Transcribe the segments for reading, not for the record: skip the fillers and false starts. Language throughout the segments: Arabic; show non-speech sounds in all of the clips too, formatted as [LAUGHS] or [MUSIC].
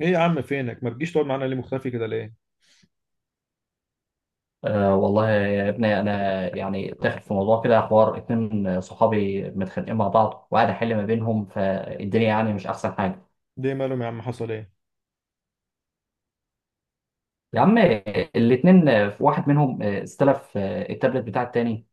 ايه يا عم، فينك؟ ما بتجيش تقعد معانا ليه؟ مختفي كده ليه؟ أه والله يا ابني، انا يعني داخل في موضوع كده. حوار اتنين صحابي متخانقين مع بعض وقاعد احل ما بينهم فالدنيا، يعني مش احسن حاجه. ليه مالهم يا عم؟ حصل ايه؟ يا عم، الاتنين، واحد منهم استلف التابلت بتاع التاني.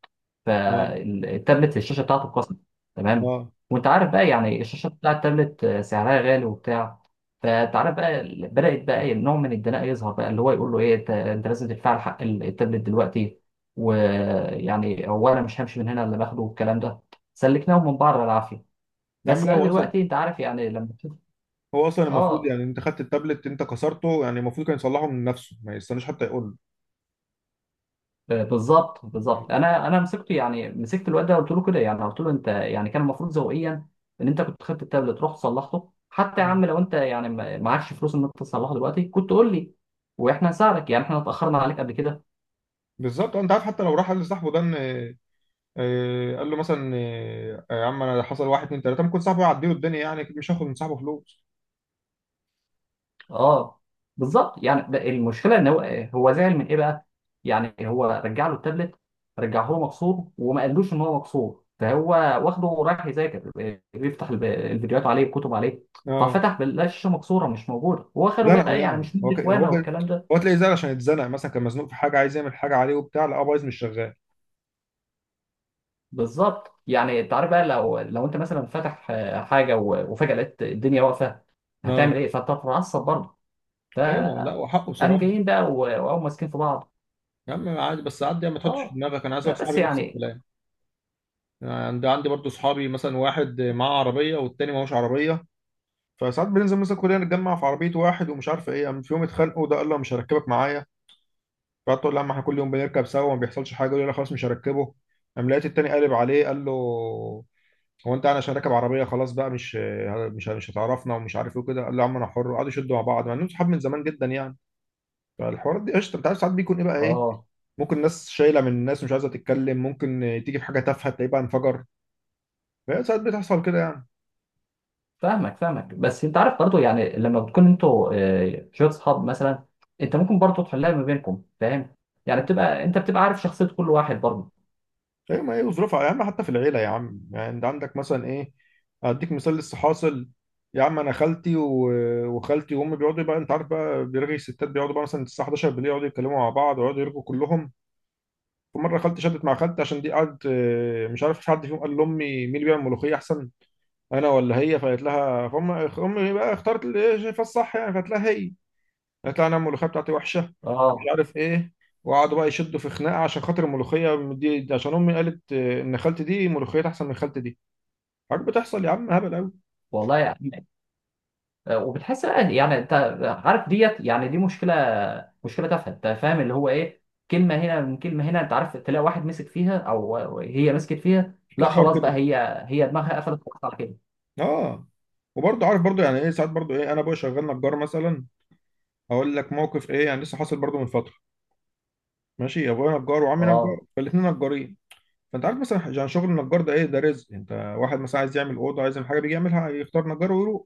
اه. فالتابلت الشاشه بتاعته اتكسرت. تمام. اه وانت عارف بقى يعني الشاشه بتاع التابلت سعرها غالي وبتاع. فانت عارف بقى بدات بقى ايه نوع من الدناء يظهر بقى، اللي هو يقول له ايه، انت لازم تدفع لي حق التابلت دلوقتي. ويعني هو انا مش همشي من هنا الا باخده والكلام ده. سلكناهم من بعض بالعافيه. يا عم بس لا، بقى هو دلوقتي اصلا انت عارف يعني لما تشوف. هو اصلا المفروض اه، يعني انت خدت التابلت، انت كسرته، يعني المفروض كان يصلحه من نفسه، ما يستناش حتى يقول له. بالظبط يعني بالظبط، انا مسكته. يعني مسكت الواد ده قلت له كده، يعني قلت له انت، يعني كان المفروض ذوقيا ان انت كنت خدت التابلت رحت صلحته. حتى يا مم. عم لو انت يعني معكش فلوس ان انت تصلحه دلوقتي، كنت قول لي واحنا نساعدك. يعني احنا اتاخرنا عليك قبل كده. بالظبط، انت عارف حتى لو راح قال لصاحبه ده ان، قال له مثلا، يا عم انا حصل واحد اتنين تلاته، ممكن صاحبه يعديله الدنيا، يعني أكيد مش هاخد من صاحبه فلوس. اه، بالظبط. يعني ده المشكله ان هو، هو زعل من ايه بقى؟ يعني هو رجع له التابلت. رجعه له مكسور وما قالوش ان هو مكسور، فهو واخده رايح يذاكر، بيفتح الفيديوهات عليه، الكتب عليه. اه. ففتح بيلاقي الشاشه مكسوره مش موجوده، واخره زنقه بقى يعني يعني، مش مدي اخوانه والكلام ده. هو تلاقيه زعل عشان يتزنق، مثلا كان مزنوق في حاجه، عايز يعمل حاجه عليه وبتاع، لا بايظ مش شغال. بالظبط. يعني انت عارف بقى، لو انت مثلا فاتح حاجه وفجاه لقيت الدنيا واقفه، اه هتعمل ايه؟ فهتتعصب برضه. ايوه، ما هو لا وحقه فقام بصراحه. جايين بقى وقاموا ماسكين في بعض. يا عم عادي، بس عادي يعني، ما تحطش في اه، دماغك انا عايز لا اقول بس صحابي نفس يعني. الكلام. يعني عندي برضه صحابي، مثلا واحد معاه عربيه والتاني معهوش عربيه. فساعات بننزل مثلا كلنا، نتجمع في عربيه واحد ومش عارف ايه. يعني في يوم اتخانقوا، ده قال له مش هركبك معايا. فقعدت اقول له يا عم، احنا كل يوم بنركب سوا وما بيحصلش حاجه. يقول لي لا خلاص، مش هركبه. قام لقيت التاني قالب عليه، قال له: هو انت، انا عشان راكب عربيه خلاص بقى، مش هتعرفنا، ومش عارف ايه وكده. قال له يا عم انا حر. وقعدوا يشدوا مع بعض، مع انهم صحاب من زمان جدا يعني. فالحوارات دي قشطه، انت عارف، ساعات بيكون ايه بقى ايه، اه. ممكن ناس شايله من الناس ومش عايزه تتكلم، ممكن تيجي في حاجه تافهه تلاقيه بقى انفجر. فهي ساعات بتحصل كده يعني. فاهمك فاهمك. بس انت عارف برضو، يعني لما بتكون انتوا شويه اصحاب مثلا، انت ممكن برضو تحلها ما بينكم، فاهم. يعني بتبقى انت بتبقى عارف شخصيه كل واحد برضو. ايوه، ما هي وظروفها يا عم، حتى في العيله يا عم. يعني انت عندك مثلا ايه، اديك مثال لسه حاصل. يا عم انا وخالتي وامي بيقعدوا بقى، انت عارف بقى بيرغي الستات، بيقعدوا بقى مثلا الساعه 11 بالليل، يقعدوا يتكلموا مع بعض ويقعدوا يرغوا كلهم. فمره خالتي شدت مع خالتي عشان دي قعدت، مش عارف، مش حد فيهم قال لامي: مين اللي بيعمل ملوخيه احسن، انا ولا هي؟ فقالت لها، فام امي بقى اختارت اللي هي شايفاه الصح، يعني فقالت لها هي: هيطلع انا الملوخيه بتاعتي وحشه، مش اه، عارف ايه. وقعدوا بقى يشدوا في خناقه عشان خاطر الملوخيه دي عشان امي قالت، ان خالتي دي ملوخيتها احسن من خالتي دي. حاجات بتحصل يا عم هبل قوي. والله يعني، وبتحس بقى يعني انت عارف ديت، يعني دي مشكله. مشكله تافهه، انت فاهم اللي هو ايه. كلمه هنا من كلمه هنا، انت عارف، تلاقي واحد مسك فيها او هي مسكت فيها، بتلاقي لا الحوار خلاص بقى كده. هي، هي دماغها قفلت خلاص على كده. اه. وبرضه عارف برضه يعني ايه، ساعات برضه ايه، انا ابويا شغال نجار مثلا. هقول لك موقف ايه، يعني لسه حاصل برضه من فتره. ماشي، ابويا نجار وعمي نجار، اه، فالاثنين نجارين. فانت عارف مثلا، يعني شغل النجار ده ايه، ده رزق انت. واحد مثلا عايز يعمل اوضه، عايز يعمل حاجه، بيجي يعملها يختار نجار ويروح.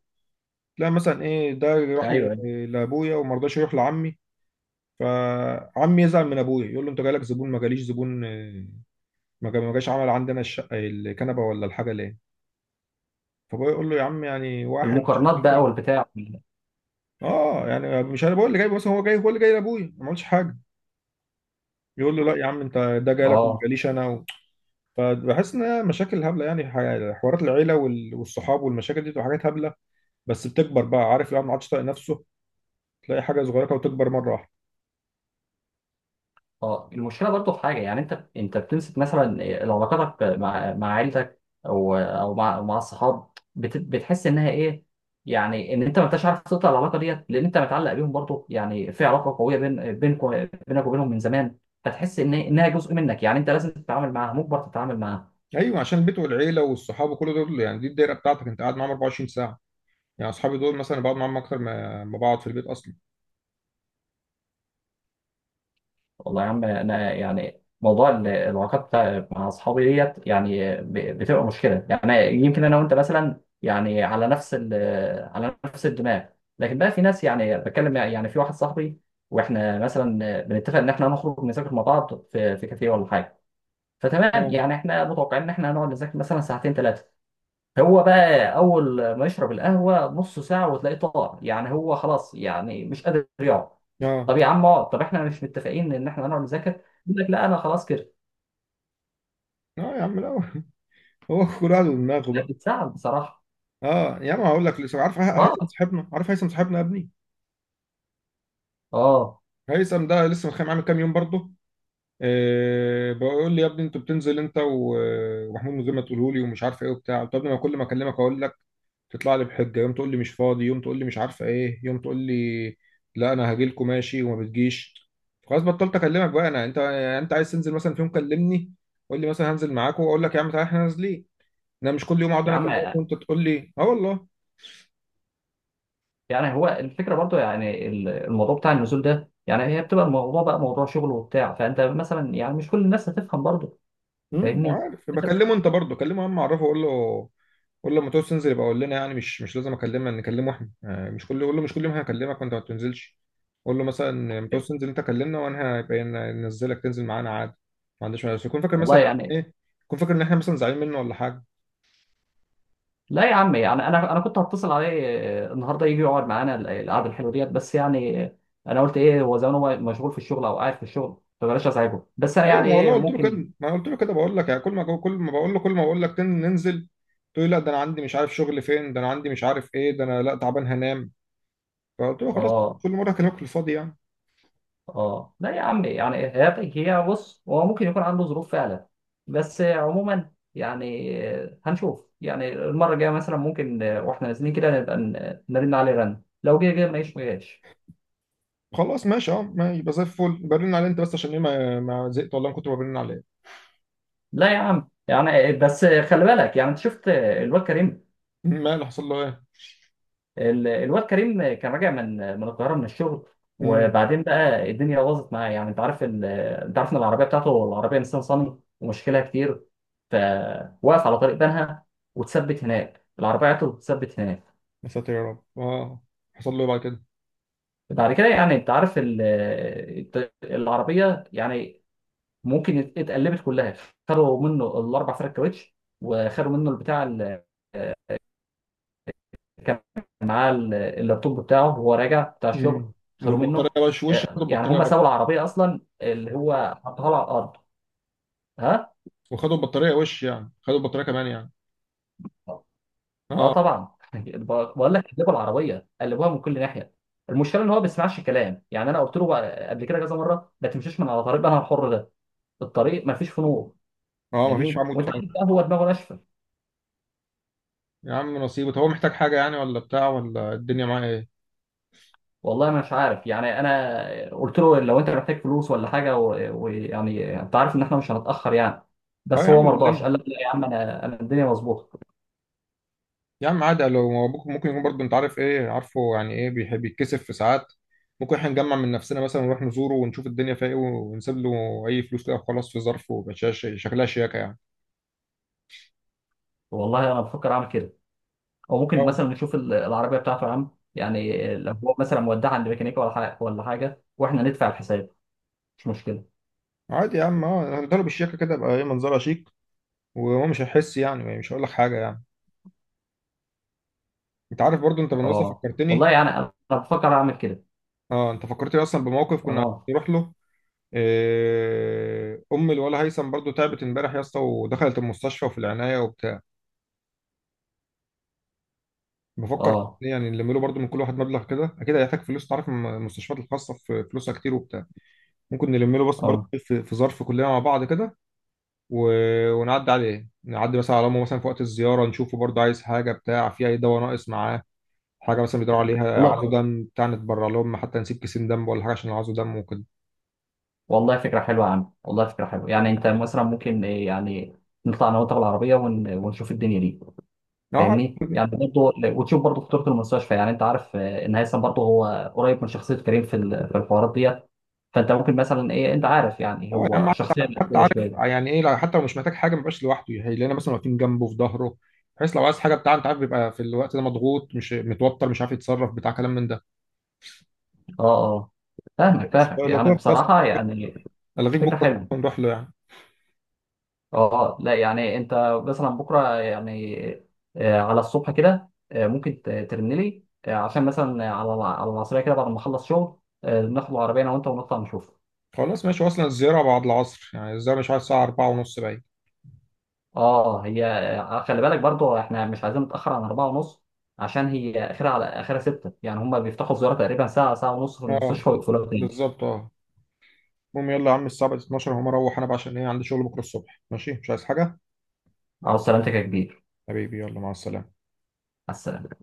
تلاقي مثلا ايه، ده راح ايوه، أيوة. لابويا وما رضاش يروح لعمي. فعمي يزعل من ابويا، يقول له انت جالك زبون ما جاليش زبون، ما جاش عمل عندنا الشقه، الكنبه ولا الحاجه ليه. فابويا يقول له يا عم يعني واحد مش المقارنات بقى هتفرق. والبتاع. اه يعني مش انا بقول اللي جاي بس، هو جاي، هو اللي جاي لابويا ما عملش حاجه. يقول له لا يا عم، انت ده جاي لك وما اه، جاليش انا و... فبحس ان هي مشاكل هبله، يعني حوارات العيله والصحاب والمشاكل دي بتبقى حاجات هبله، بس بتكبر بقى. عارف الواحد ما عادش طايق نفسه، تلاقي حاجه صغيره كده وتكبر مره واحده. اه، المشكله برضو في حاجه، يعني انت بتمسك مثلا، علاقاتك مع عيلتك او مع الصحاب، بتحس انها ايه، يعني ان انت ما انتش عارف تقطع العلاقه ديت، لان انت متعلق بيهم برضو. يعني في علاقه قويه بينكم، بينك وبينهم من زمان. فتحس ان انها جزء منك، يعني انت لازم تتعامل معاها، مجبر تتعامل معاها. ايوه، عشان البيت والعيله والصحاب وكل دول، يعني دي الدايره بتاعتك، انت قاعد معاهم 24 ساعه. يعني اصحابي دول مثلا بقعد معاهم اكتر ما بقعد في البيت اصلا. والله يا عم، انا يعني موضوع العلاقات مع اصحابي ديت، يعني بتبقى مشكله. يعني يمكن انا وانت مثلا، يعني على نفس على نفس الدماغ. لكن بقى في ناس يعني بتكلم يعني في واحد صاحبي، واحنا مثلا بنتفق ان احنا نخرج نذاكر مع بعض في كافيه ولا حاجه. فتمام. اه. يعني احنا متوقعين ان احنا هنقعد نذاكر مثلا ساعتين ثلاثه. هو بقى اول ما يشرب القهوه نص ساعه وتلاقيه طار. يعني هو خلاص، يعني مش قادر يقعد. اه. طب يا عم اقعد، طب احنا مش متفقين ان احنا هنقعد نذاكر؟ يقول لك لا، انا خلاص كده. اه يا عم لا. [LAUGHS] هو كل واحد ودماغه احنا بقى. بنتساعد بصراحه. اه يا عم، هقول لك، لسه عارف هيثم اه. صاحبنا؟ عارف هيثم صاحبنا يا ابني؟ اه، هيثم ده لسه متخانق معاه من كام يوم برضه. إيه بقول لي يا ابني انت بتنزل انت ومحمود من غير ما تقوله لي، ومش عارف ايه وبتاع. طب ما كل ما اكلمك اقول لك، تطلع لي بحجه، يوم تقول لي مش فاضي، يوم تقول لي مش عارفه ايه، يوم تقول لي لا انا هاجي لكم ماشي وما بتجيش. خلاص بطلت اكلمك بقى. انا، انت عايز تنزل مثلا في يوم كلمني. قول لي مثلا هنزل معاكم، واقول لك يا عم تعالى احنا نازلين. انا مش كل يوم اقعد يا انا عم، اكلمك وانت تقول لي اه والله. يعني هو الفكره برضو، يعني الموضوع بتاع النزول ده، يعني هي بتبقى الموضوع بقى موضوع شغل وبتاع. فانت مثلا يعني مش كل الناس هتفهم برضو، فاهمني عارف، يبقى انت. كلمه انت برضه كلمه، يا عم اعرفه قول له. قول له لما تعوز تنزل يبقى قول لنا. يعني مش لازم اكلمه، نكلمه احنا، مش كل، قول له مش كل يوم هكلمك وانت ما بتنزلش. قول له مثلا لما تعوز تنزل انت كلمنا، وانا هيبقى ننزلك تنزل معانا عادي. ما عنديش مانع، بس يكون فاكر والله مثلا. يعني. ايه، يكون فاكر ان احنا مثلا زعلانين منه ولا حاجه. لا يا عم، يعني انا كنت هتصل عليه النهارده يجي يقعد معانا القعده الحلوه ديت، بس يعني انا قلت ايه، هو زمان هو مشغول في الشغل او قاعد في الشغل، فبلاش ازعجه. بس انا ايوه، يعني ما والله ايه، قلت له كده، ممكن. ما أنا قلت له كده، بقول لك يعني كل ما كل ما بقول له، كل ما بقول لك ننزل، تقول لي لا ده انا عندي مش عارف شغل فين، ده انا عندي مش عارف ايه، ده انا لا تعبان هنام. فقلت له خلاص، اه، كل مره هكلمك في الفاضي يعني. اه، لا يا عم، يعني هي بص، هو ممكن يكون عنده ظروف فعلا. بس عموما يعني هنشوف. يعني المره الجايه مثلا ممكن واحنا نازلين كده نبقى نرن عليه رن، لو جه جه، ما جاش ما جاش. خلاص ماشي. اه ما يبقى زي الفل، برن عليه انت بس عشان ايه، ما زهقت والله من كتر ما برن عليه. لا يا عم يعني بس خلي بالك. يعني انت شفت الواد كريم. ما اللي حصل له ايه؟ الواد كريم كان راجع من القاهره من الشغل. امم وبعدين بقى الدنيا باظت معاه. يعني انت عارف انت عارف ان العربيه بتاعته العربيه نيسان صني، ومشكلها كتير. فوقف على طريق بنها. واتثبت هناك، العربيه بتاعته اتثبت هناك. يا ساتر يا رب. اه. حصل له ايه بعد كده؟ بعد كده يعني انت عارف العربيه، يعني ممكن اتقلبت كلها. خدوا منه الاربع فرق كاوتش، وخدوا منه البتاع. كان معاه اللابتوب بتاعه وهو راجع بتاع امم الشغل، خدوه منه. والبطاريه وش خدوا يعني البطاريه هم برضه؟ سابوا العربيه اصلا اللي هو حطها له على الارض. ها. وخدوا البطاريه وش يعني، خدوا البطاريه كمان يعني؟ اه، اه. طبعا [LAUGHS] بقول لك قلبوا العربيه، قلبوها من كل ناحيه. المشكله ان هو ما بيسمعش كلام. يعني انا قلت له بقى قبل كده كذا مره، ما تمشيش من على طريق بقى الحر ده. الطريق ما فيش فيه نور، اه، ما فيش فاهمني. عمود وانت عارف فعال. بقى هو دماغه ناشفه. يا عم نصيبه. طب هو محتاج حاجه يعني، ولا بتاع، ولا الدنيا معاه ايه؟ والله انا مش عارف، يعني انا قلت له لو انت محتاج فلوس ولا حاجه ويعني انت عارف ان احنا مش هنتاخر يعني. اه بس يا هو عم ما يقول رضاش، لنا. قال لك لا يا عم، انا الدنيا مظبوطه. يا عم عادي، لو هو ممكن يكون برضه، انت عارف ايه، عارفه يعني ايه، بيحب يتكسف في ساعات. ممكن احنا نجمع من نفسنا مثلا ونروح نزوره ونشوف الدنيا فيها ايه، ونسيب له اي فلوس كده وخلاص في ظرف، ويبقى شكلها شياكه يعني. والله انا بفكر اعمل كده. او ممكن اه مثلا نشوف العربيه بتاعته يا عم. يعني لو هو مثلا مودعها عند ميكانيكا ولا حاجه ولا حاجه، واحنا ندفع الحساب، مش مشكله. عادي يا عم. اه هنضرب بالشياكه كده، يبقى ايه منظرها شيك، وهو مش هيحس، يعني مش هقول لك حاجه يعني. انت عارف برضه، انت بالمناسبه اه، فكرتني. والله يعني، انا بفكر اعمل كده. اه، انت فكرتني اصلا بموقف كنا عايزين اه، نروح له. إيه، ام الولا هيثم برضه تعبت امبارح يا اسطى، ودخلت المستشفى وفي العنايه وبتاع. بفكر اه، يعني نلم له برضه من كل واحد مبلغ كده، اكيد هيحتاج فلوس. تعرف المستشفيات الخاصه في فلوسها كتير وبتاع. ممكن نلم له، بس برضه اه، في ظرف كلنا مع بعض كده، و... ونعدي عليه، نعدي مثلا على امه مثلا في وقت الزياره، نشوفه برضه عايز حاجه بتاع، في اي دواء ناقص معاه، حاجه مثلا بيدور عليها، والله. عايزه دم بتاع نتبرع لهم، حتى نسيب كيسين دم ولا حاجه عشان عايزه دم وكده. والله فكره حلوه يا عم، والله فكره حلوه. يعني انت مثلا ممكن، يعني نطلع انا وانت بالعربيه ونشوف الدنيا دي، اه. فاهمني. يعني برضه وتشوف برضه خطوره المستشفى. يعني انت عارف ان هيثم برضه هو قريب من شخصيه كريم في في الحوارات ديت. فانت ممكن مثلا ايه، انت عارف يعني اه يا عم، هو حتى شخصيه حتى مقفوله عارف شويه. يعني ايه حتى لو مش محتاج حاجه، ما بيبقاش لوحده، هيلاقينا مثلا واقفين جنبه في ظهره، بحيث لو عايز حاجه بتاع، انت عارف بيبقى في الوقت ده مضغوط، مش متوتر، مش عارف يتصرف، بتاع كلام من ده. اه، اه، فاهمك فاهمك، لو يعني كده خلاص، بصراحه يعني. الغيك فكره بكره حلوه. ونروح له يعني. اه، لا يعني انت مثلا بكره يعني، على الصبح كده ممكن ترن لي عشان مثلا على على العصريه كده بعد ما اخلص شغل. ناخد العربيه انا وانت ونطلع نشوف. خلاص ماشي، اصلا الزياره بعد العصر، يعني الزياره مش عارف الساعه 4 ونص باين. اه، هي خلي بالك برضو، احنا مش عايزين نتاخر عن 4:30. عشان هي اخرها على اخرها 6. يعني هم بيفتحوا الزياره تقريبا ساعه ساعه ونص في اه المستشفى، ويقفلوها تاني. بالظبط اه. المهم يلا يا عم، الساعه بقت 12، هقوم اروح انا بقى عشان ايه، عندي شغل بكره الصبح. ماشي، مش عايز حاجه. على سلامتك يا كبير. حبيبي يلا، مع السلامه. على السلامه.